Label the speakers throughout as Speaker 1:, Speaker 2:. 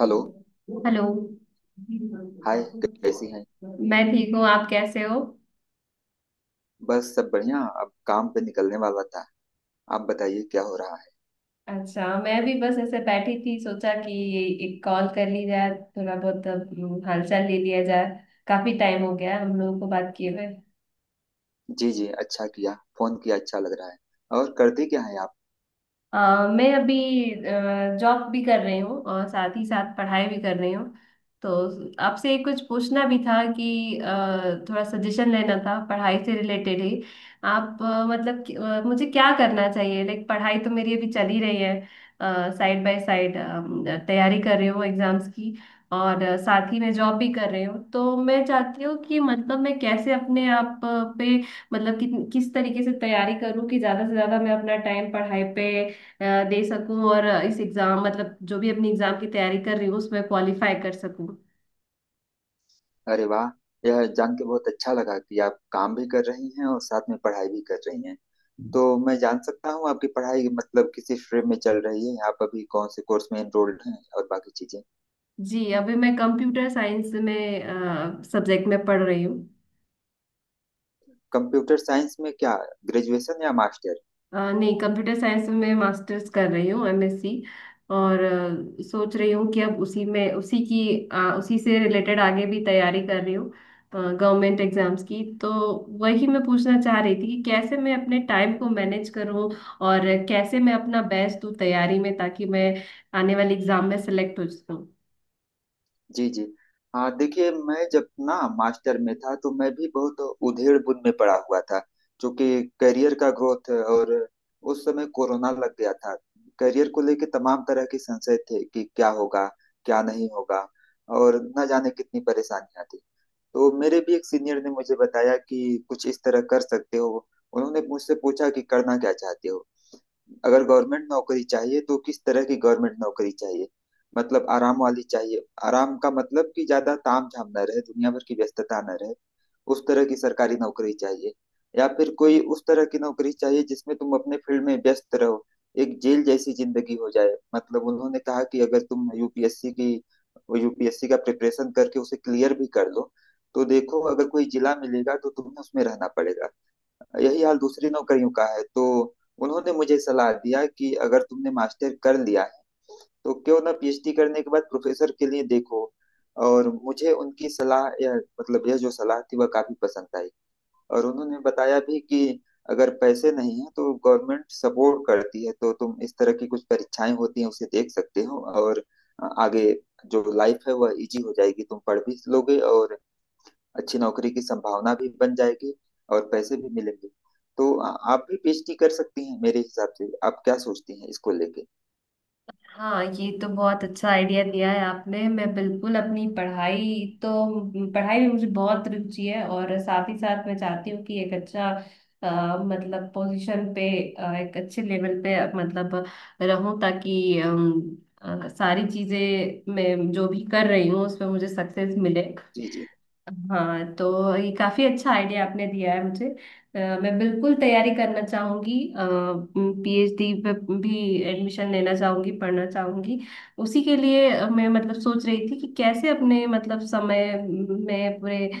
Speaker 1: Hello.
Speaker 2: Hello.
Speaker 1: Hi, कैसी हैं?
Speaker 2: मैं ठीक हूँ, आप कैसे हो?
Speaker 1: बस सब बढ़िया। अब काम पे निकलने वाला था। आप बताइए क्या हो रहा
Speaker 2: अच्छा, मैं भी बस ऐसे बैठी थी, सोचा कि एक कॉल कर ली जाए, थोड़ा बहुत हालचाल ले लिया जाए। काफी टाइम हो गया है हम लोगों को बात किए हुए।
Speaker 1: है। जी जी, अच्छा किया फोन किया, अच्छा लग रहा है। और करती क्या है आप?
Speaker 2: अ, मैं अभी जॉब भी कर रही हूँ और साथ ही साथ पढ़ाई भी कर रही हूँ, तो आपसे कुछ पूछना भी था कि थोड़ा सजेशन लेना था पढ़ाई से रिलेटेड ही। आप मुझे क्या करना चाहिए, लाइक पढ़ाई तो मेरी अभी चल ही रही है, साइड बाय साइड तैयारी कर रही हूँ एग्जाम्स की, और साथ ही मैं जॉब भी कर रही हूँ। तो मैं चाहती हूँ कि मतलब मैं कैसे अपने आप पे मतलब कि, किस तरीके से तैयारी करूँ कि ज्यादा से ज्यादा मैं अपना टाइम पढ़ाई पे अ, दे सकूं और इस एग्जाम मतलब जो भी अपनी एग्जाम की तैयारी कर रही हूँ उसमें क्वालिफाई कर सकूं।
Speaker 1: अरे वाह! यह जान के बहुत अच्छा लगा कि आप काम भी कर रही हैं और साथ में पढ़ाई भी कर रही हैं। तो मैं जान सकता हूँ आपकी पढ़ाई मतलब किस स्ट्रीम में चल रही है? आप अभी कौन से कोर्स में एनरोल्ड हैं और बाकी चीजें?
Speaker 2: जी अभी मैं कंप्यूटर साइंस में सब्जेक्ट में पढ़ रही हूँ।
Speaker 1: कंप्यूटर साइंस में क्या? ग्रेजुएशन या मास्टर?
Speaker 2: नहीं, कंप्यूटर साइंस में मैं मास्टर्स कर रही हूँ, एमएससी। और सोच रही हूँ कि अब उसी में उसी की उसी से रिलेटेड आगे भी तैयारी कर रही हूँ गवर्नमेंट एग्जाम्स की। तो वही मैं पूछना चाह रही थी कि कैसे मैं अपने टाइम को मैनेज करूँ और कैसे मैं अपना बेस्ट दूँ तैयारी में, ताकि मैं आने वाले एग्जाम में सेलेक्ट हो सकूँ।
Speaker 1: जी। जी हाँ, देखिए मैं जब ना मास्टर में था तो मैं भी बहुत उधेड़ बुन में पड़ा हुआ था। क्योंकि करियर का ग्रोथ, और उस समय कोरोना लग गया था। करियर को लेके तमाम तरह के संशय थे कि क्या होगा, क्या नहीं होगा, और न जाने कितनी परेशानियां थी। तो मेरे भी एक सीनियर ने मुझे बताया कि कुछ इस तरह कर सकते हो। उन्होंने मुझसे पूछा कि करना क्या चाहते हो। अगर गवर्नमेंट नौकरी चाहिए तो किस तरह की गवर्नमेंट नौकरी चाहिए? मतलब आराम वाली चाहिए? आराम का मतलब कि ज्यादा ताम झाम न रहे, दुनिया भर की व्यस्तता न रहे, उस तरह की सरकारी नौकरी चाहिए? या फिर कोई उस तरह की नौकरी चाहिए जिसमें तुम अपने फील्ड में व्यस्त रहो, एक जेल जैसी जिंदगी हो जाए? मतलब उन्होंने कहा कि अगर तुम यूपीएससी का प्रिपरेशन करके उसे क्लियर भी कर लो, तो देखो अगर कोई जिला मिलेगा तो तुम्हें उसमें रहना पड़ेगा। यही हाल दूसरे नौकरियों का है। तो उन्होंने मुझे सलाह दिया कि अगर तुमने मास्टर कर लिया है तो क्यों ना पीएचडी करने के बाद प्रोफेसर के लिए देखो। और मुझे उनकी सलाह, यह मतलब यह जो सलाह थी वह काफी पसंद आई। और उन्होंने बताया भी कि अगर पैसे नहीं है तो गवर्नमेंट सपोर्ट करती है, तो तुम इस तरह की कुछ परीक्षाएं होती हैं उसे देख सकते हो, और आगे जो लाइफ है वह इजी हो जाएगी, तुम पढ़ भी लोगे और अच्छी नौकरी की संभावना भी बन जाएगी, और पैसे भी मिलेंगे। तो आप भी पीएचडी कर सकती हैं। मेरे हिसाब से आप क्या सोचती हैं इसको लेके?
Speaker 2: हाँ, ये तो बहुत अच्छा आइडिया दिया है आपने। मैं बिल्कुल अपनी पढ़ाई तो, पढ़ाई में मुझे बहुत रुचि है, और साथ ही साथ मैं चाहती हूँ कि एक अच्छा मतलब पोजीशन पे, एक अच्छे लेवल पे, मतलब रहूं, ताकि सारी चीजें मैं जो भी कर रही हूँ उसमें मुझे सक्सेस मिले।
Speaker 1: जी, जी,
Speaker 2: हाँ, तो ये काफी अच्छा आइडिया आपने दिया है मुझे। मैं बिल्कुल तैयारी करना चाहूंगी, पीएचडी पे भी एडमिशन लेना चाहूंगी, पढ़ना चाहूंगी। उसी के लिए मैं मतलब सोच रही थी कि कैसे अपने मतलब समय में पूरे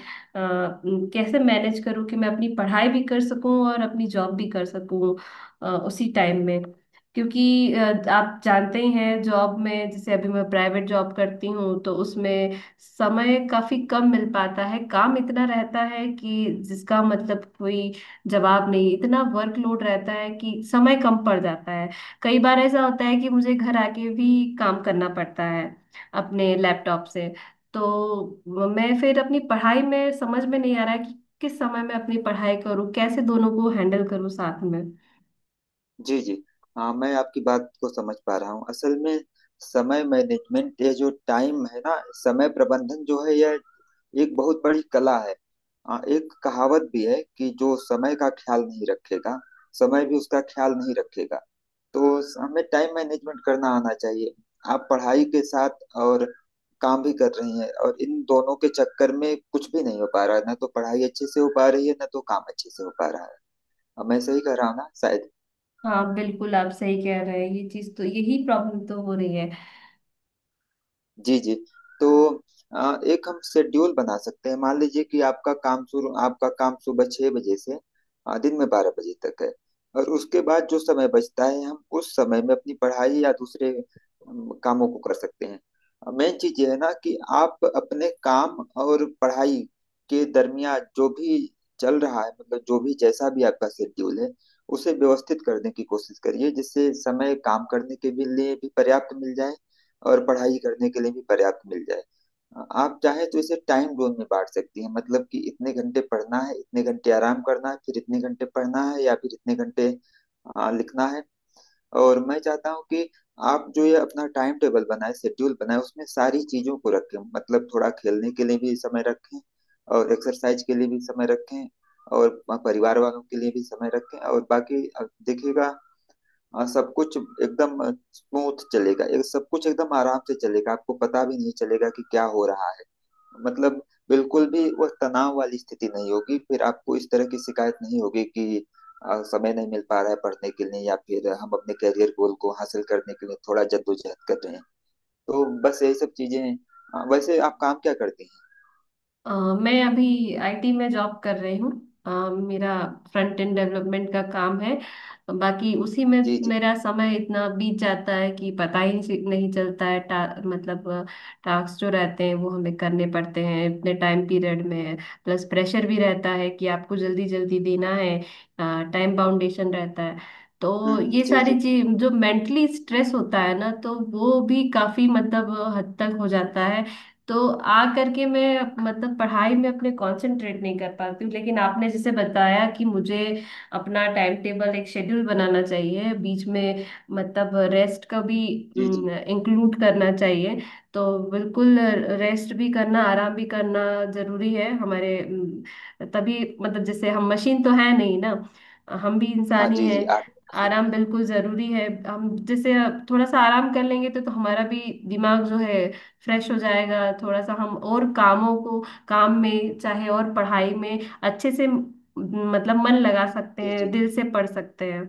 Speaker 2: कैसे मैनेज करूँ कि मैं अपनी पढ़ाई भी कर सकूँ और अपनी जॉब भी कर सकूँ उसी टाइम में। क्योंकि आप जानते ही हैं, जॉब में जैसे अभी मैं प्राइवेट जॉब करती हूँ, तो उसमें समय काफी कम मिल पाता है, काम इतना रहता है कि जिसका मतलब कोई जवाब नहीं, इतना वर्कलोड रहता है कि समय कम पड़ जाता है। कई बार ऐसा होता है कि मुझे घर आके भी काम करना पड़ता है अपने लैपटॉप से। तो मैं फिर अपनी पढ़ाई में समझ में नहीं आ रहा है कि किस समय मैं अपनी पढ़ाई करूँ, कैसे दोनों को हैंडल करूँ साथ में।
Speaker 1: जी, जी हाँ, मैं आपकी बात को समझ पा रहा हूँ। असल में समय मैनेजमेंट, ये जो टाइम है ना, समय प्रबंधन जो है यह एक बहुत बड़ी कला है। एक कहावत भी है कि जो समय का ख्याल नहीं रखेगा, समय भी उसका ख्याल नहीं रखेगा। तो हमें टाइम मैनेजमेंट करना आना चाहिए। आप पढ़ाई के साथ और काम भी कर रही हैं, और इन दोनों के चक्कर में कुछ भी नहीं हो पा रहा है, ना तो पढ़ाई अच्छे से हो पा रही है, ना तो काम अच्छे से हो पा रहा है। अब मैं सही कह रहा हूँ ना शायद?
Speaker 2: हाँ बिल्कुल, आप सही कह रहे हैं, ये चीज तो, यही प्रॉब्लम तो हो रही है।
Speaker 1: जी जी। तो एक हम शेड्यूल बना सकते हैं। मान लीजिए कि आपका काम सुबह 6 बजे से दिन में 12 बजे तक है। और उसके बाद जो समय बचता है हम उस समय में अपनी पढ़ाई या दूसरे कामों को कर सकते हैं। मेन चीज ये है ना कि आप अपने काम और पढ़ाई के दरमियान जो भी चल रहा है, मतलब जो भी जैसा भी आपका शेड्यूल है, उसे व्यवस्थित करने की कोशिश करिए जिससे समय काम करने के भी लिए भी पर्याप्त मिल जाए और पढ़ाई करने के लिए भी पर्याप्त मिल जाए। आप चाहे तो इसे टाइम जोन में बांट सकती हैं। मतलब कि इतने घंटे पढ़ना है, इतने घंटे आराम करना है, फिर इतने घंटे पढ़ना है या फिर इतने घंटे लिखना है। और मैं चाहता हूँ कि आप जो ये अपना टाइम टेबल बनाए शेड्यूल बनाए, उसमें सारी चीजों को रखें, मतलब थोड़ा खेलने के लिए भी समय रखें और एक्सरसाइज के लिए भी समय रखें और परिवार वालों के लिए भी समय रखें, और बाकी अब देखिएगा। और सब कुछ एकदम स्मूथ चलेगा, एक सब कुछ एकदम आराम से चलेगा, आपको पता भी नहीं चलेगा कि क्या हो रहा है। मतलब बिल्कुल भी वह तनाव वाली स्थिति नहीं होगी, फिर आपको इस तरह की शिकायत नहीं होगी कि समय नहीं मिल पा रहा है पढ़ने के लिए, या फिर हम अपने करियर गोल को हासिल करने के लिए थोड़ा जद्दोजहद कर रहे हैं। तो बस यही सब चीजें हैं। वैसे आप काम क्या करते हैं?
Speaker 2: अ, मैं अभी आईटी में जॉब कर रही हूँ। मेरा फ्रंट एंड डेवलपमेंट का काम है, बाकी उसी में
Speaker 1: जी जी।
Speaker 2: मेरा समय इतना बीत जाता है कि पता ही नहीं नहीं चलता है। मतलब टास्क जो रहते हैं वो हमें करने पड़ते हैं इतने टाइम पीरियड में, प्लस प्रेशर भी रहता है कि आपको जल्दी जल्दी देना है, टाइम बाउंडेशन रहता है। तो ये
Speaker 1: जी जी।
Speaker 2: सारी चीज जो मेंटली स्ट्रेस होता है ना, तो वो भी काफी मतलब हद तक हो जाता है। तो आ करके मैं मतलब पढ़ाई में अपने कंसंट्रेट नहीं कर पाती हूँ। लेकिन आपने जैसे बताया कि मुझे अपना टाइम टेबल, एक शेड्यूल बनाना चाहिए, बीच में मतलब रेस्ट का भी
Speaker 1: जी जी
Speaker 2: इंक्लूड करना चाहिए। तो बिल्कुल रेस्ट भी करना, आराम भी करना जरूरी है हमारे। तभी मतलब जैसे हम मशीन तो है नहीं ना, हम भी
Speaker 1: हाँ,
Speaker 2: इंसान ही
Speaker 1: जी जी।
Speaker 2: हैं।
Speaker 1: आर्मी में।
Speaker 2: आराम बिल्कुल जरूरी है, हम जैसे थोड़ा सा आराम कर लेंगे तो हमारा भी दिमाग जो है फ्रेश हो जाएगा, थोड़ा सा हम और कामों को, काम में चाहे और पढ़ाई में अच्छे से मतलब मन लगा सकते
Speaker 1: जी
Speaker 2: हैं,
Speaker 1: जी
Speaker 2: दिल से पढ़ सकते हैं।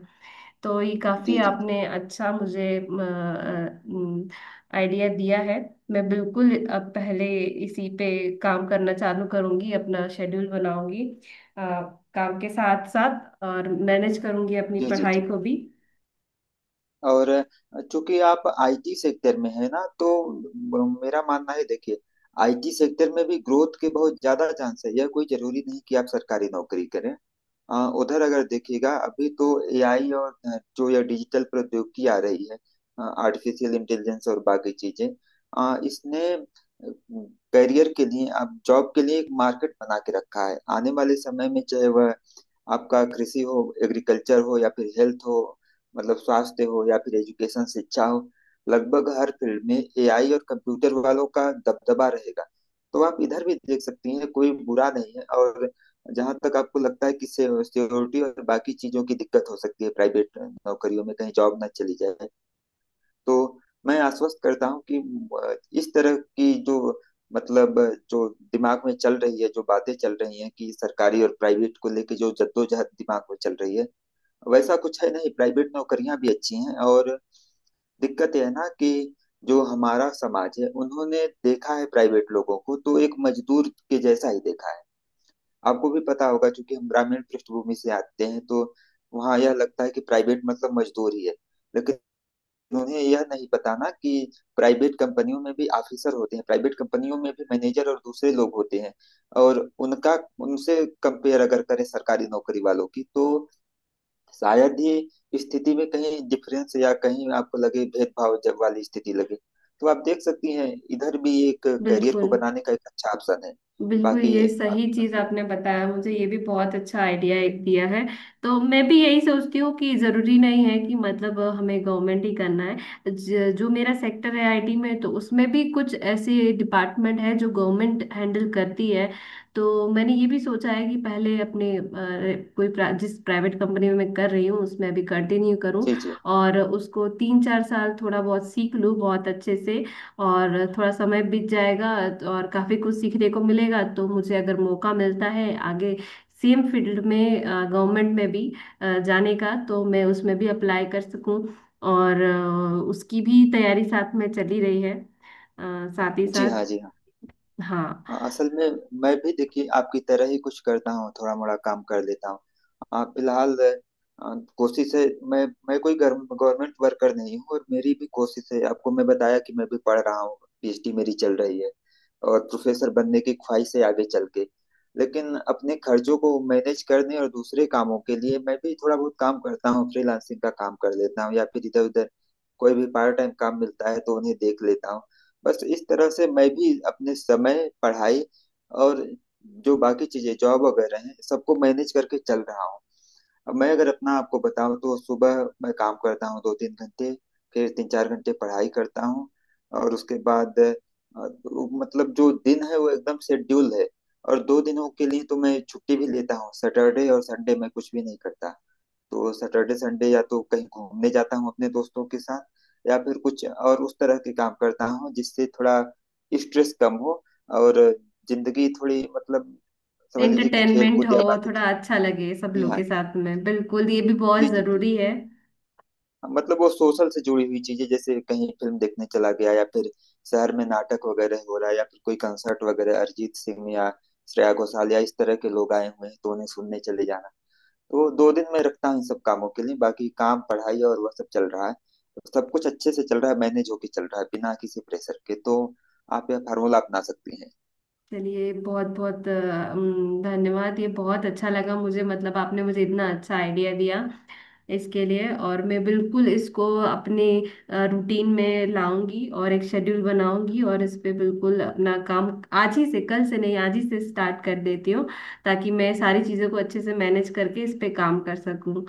Speaker 2: तो ये काफी
Speaker 1: जी जी जी
Speaker 2: आपने अच्छा मुझे आइडिया दिया है। मैं बिल्कुल अब पहले इसी पे काम करना चालू करूंगी, अपना शेड्यूल बनाऊंगी, अ, काम के साथ साथ और मैनेज करूंगी अपनी
Speaker 1: जी जी जी
Speaker 2: पढ़ाई
Speaker 1: जी।
Speaker 2: को भी।
Speaker 1: और चूंकि आप आईटी सेक्टर में है ना, तो मेरा मानना है, देखिए आईटी सेक्टर में भी ग्रोथ के बहुत ज्यादा चांस है। यह कोई जरूरी नहीं कि आप सरकारी नौकरी करें। उधर अगर देखिएगा अभी तो एआई और जो यह डिजिटल प्रौद्योगिकी आ रही है, आर्टिफिशियल इंटेलिजेंस और बाकी चीजें, इसने करियर के लिए, आप जॉब के लिए एक मार्केट बना के रखा है। आने वाले समय में चाहे वह आपका कृषि हो, एग्रीकल्चर हो, या फिर हेल्थ हो, मतलब स्वास्थ्य हो, या फिर एजुकेशन शिक्षा हो, लगभग हर फील्ड में एआई और कंप्यूटर वालों का दबदबा रहेगा। तो आप इधर भी देख सकती हैं, कोई बुरा नहीं है। और जहां तक आपको लगता है कि सिक्योरिटी और बाकी चीजों की दिक्कत हो सकती है प्राइवेट नौकरियों में कहीं जॉब ना चली जाए, तो मैं आश्वस्त करता हूँ कि इस तरह की जो मतलब जो दिमाग में चल रही है, जो बातें चल रही हैं कि सरकारी और प्राइवेट को लेके जो जद्दोजहद दिमाग में चल रही है, वैसा कुछ है नहीं। प्राइवेट नौकरियां भी अच्छी हैं। और दिक्कत यह है ना कि जो हमारा समाज है उन्होंने देखा है प्राइवेट लोगों को, तो एक मजदूर के जैसा ही देखा है। आपको भी पता होगा क्योंकि हम ग्रामीण पृष्ठभूमि से आते हैं, तो वहाँ यह लगता है कि प्राइवेट मतलब मजदूर ही है। लेकिन उन्हें यह नहीं पता ना कि प्राइवेट कंपनियों में भी ऑफिसर होते हैं, प्राइवेट कंपनियों में भी मैनेजर और दूसरे लोग होते हैं। और उनका, उनसे कंपेयर अगर करें सरकारी नौकरी वालों की, तो शायद ही स्थिति में कहीं डिफरेंस या कहीं आपको लगे भेदभाव जब वाली स्थिति लगे। तो आप देख सकती हैं इधर भी एक करियर को
Speaker 2: बिल्कुल,
Speaker 1: बनाने का एक अच्छा ऑप्शन है।
Speaker 2: बिल्कुल
Speaker 1: बाकी
Speaker 2: ये सही
Speaker 1: आपकी
Speaker 2: चीज
Speaker 1: मर्जी।
Speaker 2: आपने बताया मुझे, ये भी बहुत अच्छा आइडिया एक दिया है। तो मैं भी यही सोचती हूँ कि जरूरी नहीं है कि मतलब हमें गवर्नमेंट ही करना है। जो मेरा सेक्टर है आईटी में, तो उसमें भी कुछ ऐसे डिपार्टमेंट है जो गवर्नमेंट हैंडल करती है। तो मैंने ये भी सोचा है कि पहले अपने जिस प्राइवेट कंपनी में मैं कर रही हूँ उसमें अभी कंटिन्यू करूँ,
Speaker 1: जी जी।
Speaker 2: और उसको 3-4 साल थोड़ा बहुत सीख लूँ बहुत अच्छे से, और थोड़ा समय बीत जाएगा और काफी कुछ सीखने को मिलेगा। तो मुझे अगर मौका मिलता है आगे सेम फील्ड में गवर्नमेंट में भी जाने का, तो मैं उसमें भी अप्लाई कर सकूं। और उसकी भी तैयारी साथ में चली रही है अ, साथ ही
Speaker 1: जी
Speaker 2: साथ।
Speaker 1: हाँ, जी हाँ।
Speaker 2: हाँ,
Speaker 1: असल में मैं भी देखिए आपकी तरह ही कुछ करता हूँ, थोड़ा मोड़ा काम कर लेता हूँ। फिलहाल कोशिश है, मैं कोई गवर्नमेंट वर्कर नहीं हूँ। और मेरी भी कोशिश है, आपको मैं बताया कि मैं भी पढ़ रहा हूँ, पीएचडी मेरी चल रही है और प्रोफेसर बनने की ख्वाहिश है आगे चल के। लेकिन अपने खर्चों को मैनेज करने और दूसरे कामों के लिए मैं भी थोड़ा बहुत काम करता हूँ, फ्रीलांसिंग का काम कर लेता हूँ, या फिर इधर उधर कोई भी पार्ट टाइम काम मिलता है तो उन्हें देख लेता हूँ। बस इस तरह से मैं भी अपने समय पढ़ाई और जो बाकी चीजें जॉब वगैरह हैं, सबको मैनेज करके चल रहा हूँ। अब मैं अगर अपना आपको बताऊं, तो सुबह मैं काम करता हूँ 2 3 घंटे, फिर 3 4 घंटे पढ़ाई करता हूँ, और उसके बाद वो मतलब जो दिन है वो एकदम शेड्यूल है। और 2 दिनों के लिए तो मैं छुट्टी भी लेता हूँ, सैटरडे और संडे मैं कुछ भी नहीं करता। तो सैटरडे संडे या तो कहीं घूमने जाता हूँ अपने दोस्तों के साथ, या फिर कुछ और उस तरह के काम करता हूँ जिससे थोड़ा स्ट्रेस कम हो, और जिंदगी थोड़ी, मतलब समझ लीजिए कि खेल
Speaker 2: एंटरटेनमेंट
Speaker 1: कूद
Speaker 2: हो,
Speaker 1: या बाकी
Speaker 2: थोड़ा
Speaker 1: चीजें।
Speaker 2: अच्छा लगे सब
Speaker 1: जी
Speaker 2: लोग
Speaker 1: हाँ।
Speaker 2: के साथ में, बिल्कुल ये भी बहुत
Speaker 1: जी जी जी।
Speaker 2: जरूरी है।
Speaker 1: मतलब वो सोशल से जुड़ी हुई चीजें, जैसे कहीं फिल्म देखने चला गया, या फिर शहर में नाटक वगैरह हो रहा है, या फिर कोई कंसर्ट वगैरह अरिजीत सिंह या श्रेया घोषाल या इस तरह के लोग आए हुए हैं तो उन्हें सुनने चले जाना। तो 2 दिन मैं रखता हूँ इन सब कामों के लिए, बाकी काम, पढ़ाई और वह सब चल रहा है, तो सब कुछ अच्छे से चल रहा है, मैनेज होके चल रहा है, बिना किसी प्रेशर के। तो आप यह फार्मूला अपना सकती हैं।
Speaker 2: चलिए, बहुत बहुत धन्यवाद। ये बहुत अच्छा लगा मुझे, मतलब आपने मुझे इतना अच्छा आइडिया दिया इसके लिए, और मैं बिल्कुल इसको अपने रूटीन में लाऊंगी और एक शेड्यूल बनाऊंगी, और इस पे बिल्कुल अपना काम आज ही से, कल से नहीं, आज ही से स्टार्ट कर देती हूँ, ताकि मैं सारी चीज़ों को अच्छे से मैनेज करके इस पे काम कर सकूँ।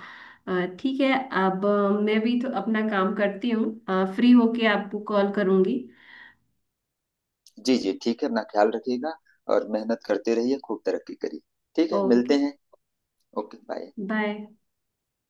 Speaker 2: ठीक है। अब मैं भी तो अपना काम करती हूँ, फ्री होके आपको कॉल करूँगी।
Speaker 1: जी जी, ठीक है, अपना ख्याल रखिएगा और मेहनत करते रहिए, खूब तरक्की करिए। ठीक है,
Speaker 2: ओके,
Speaker 1: मिलते हैं। Okay bye.
Speaker 2: बाय।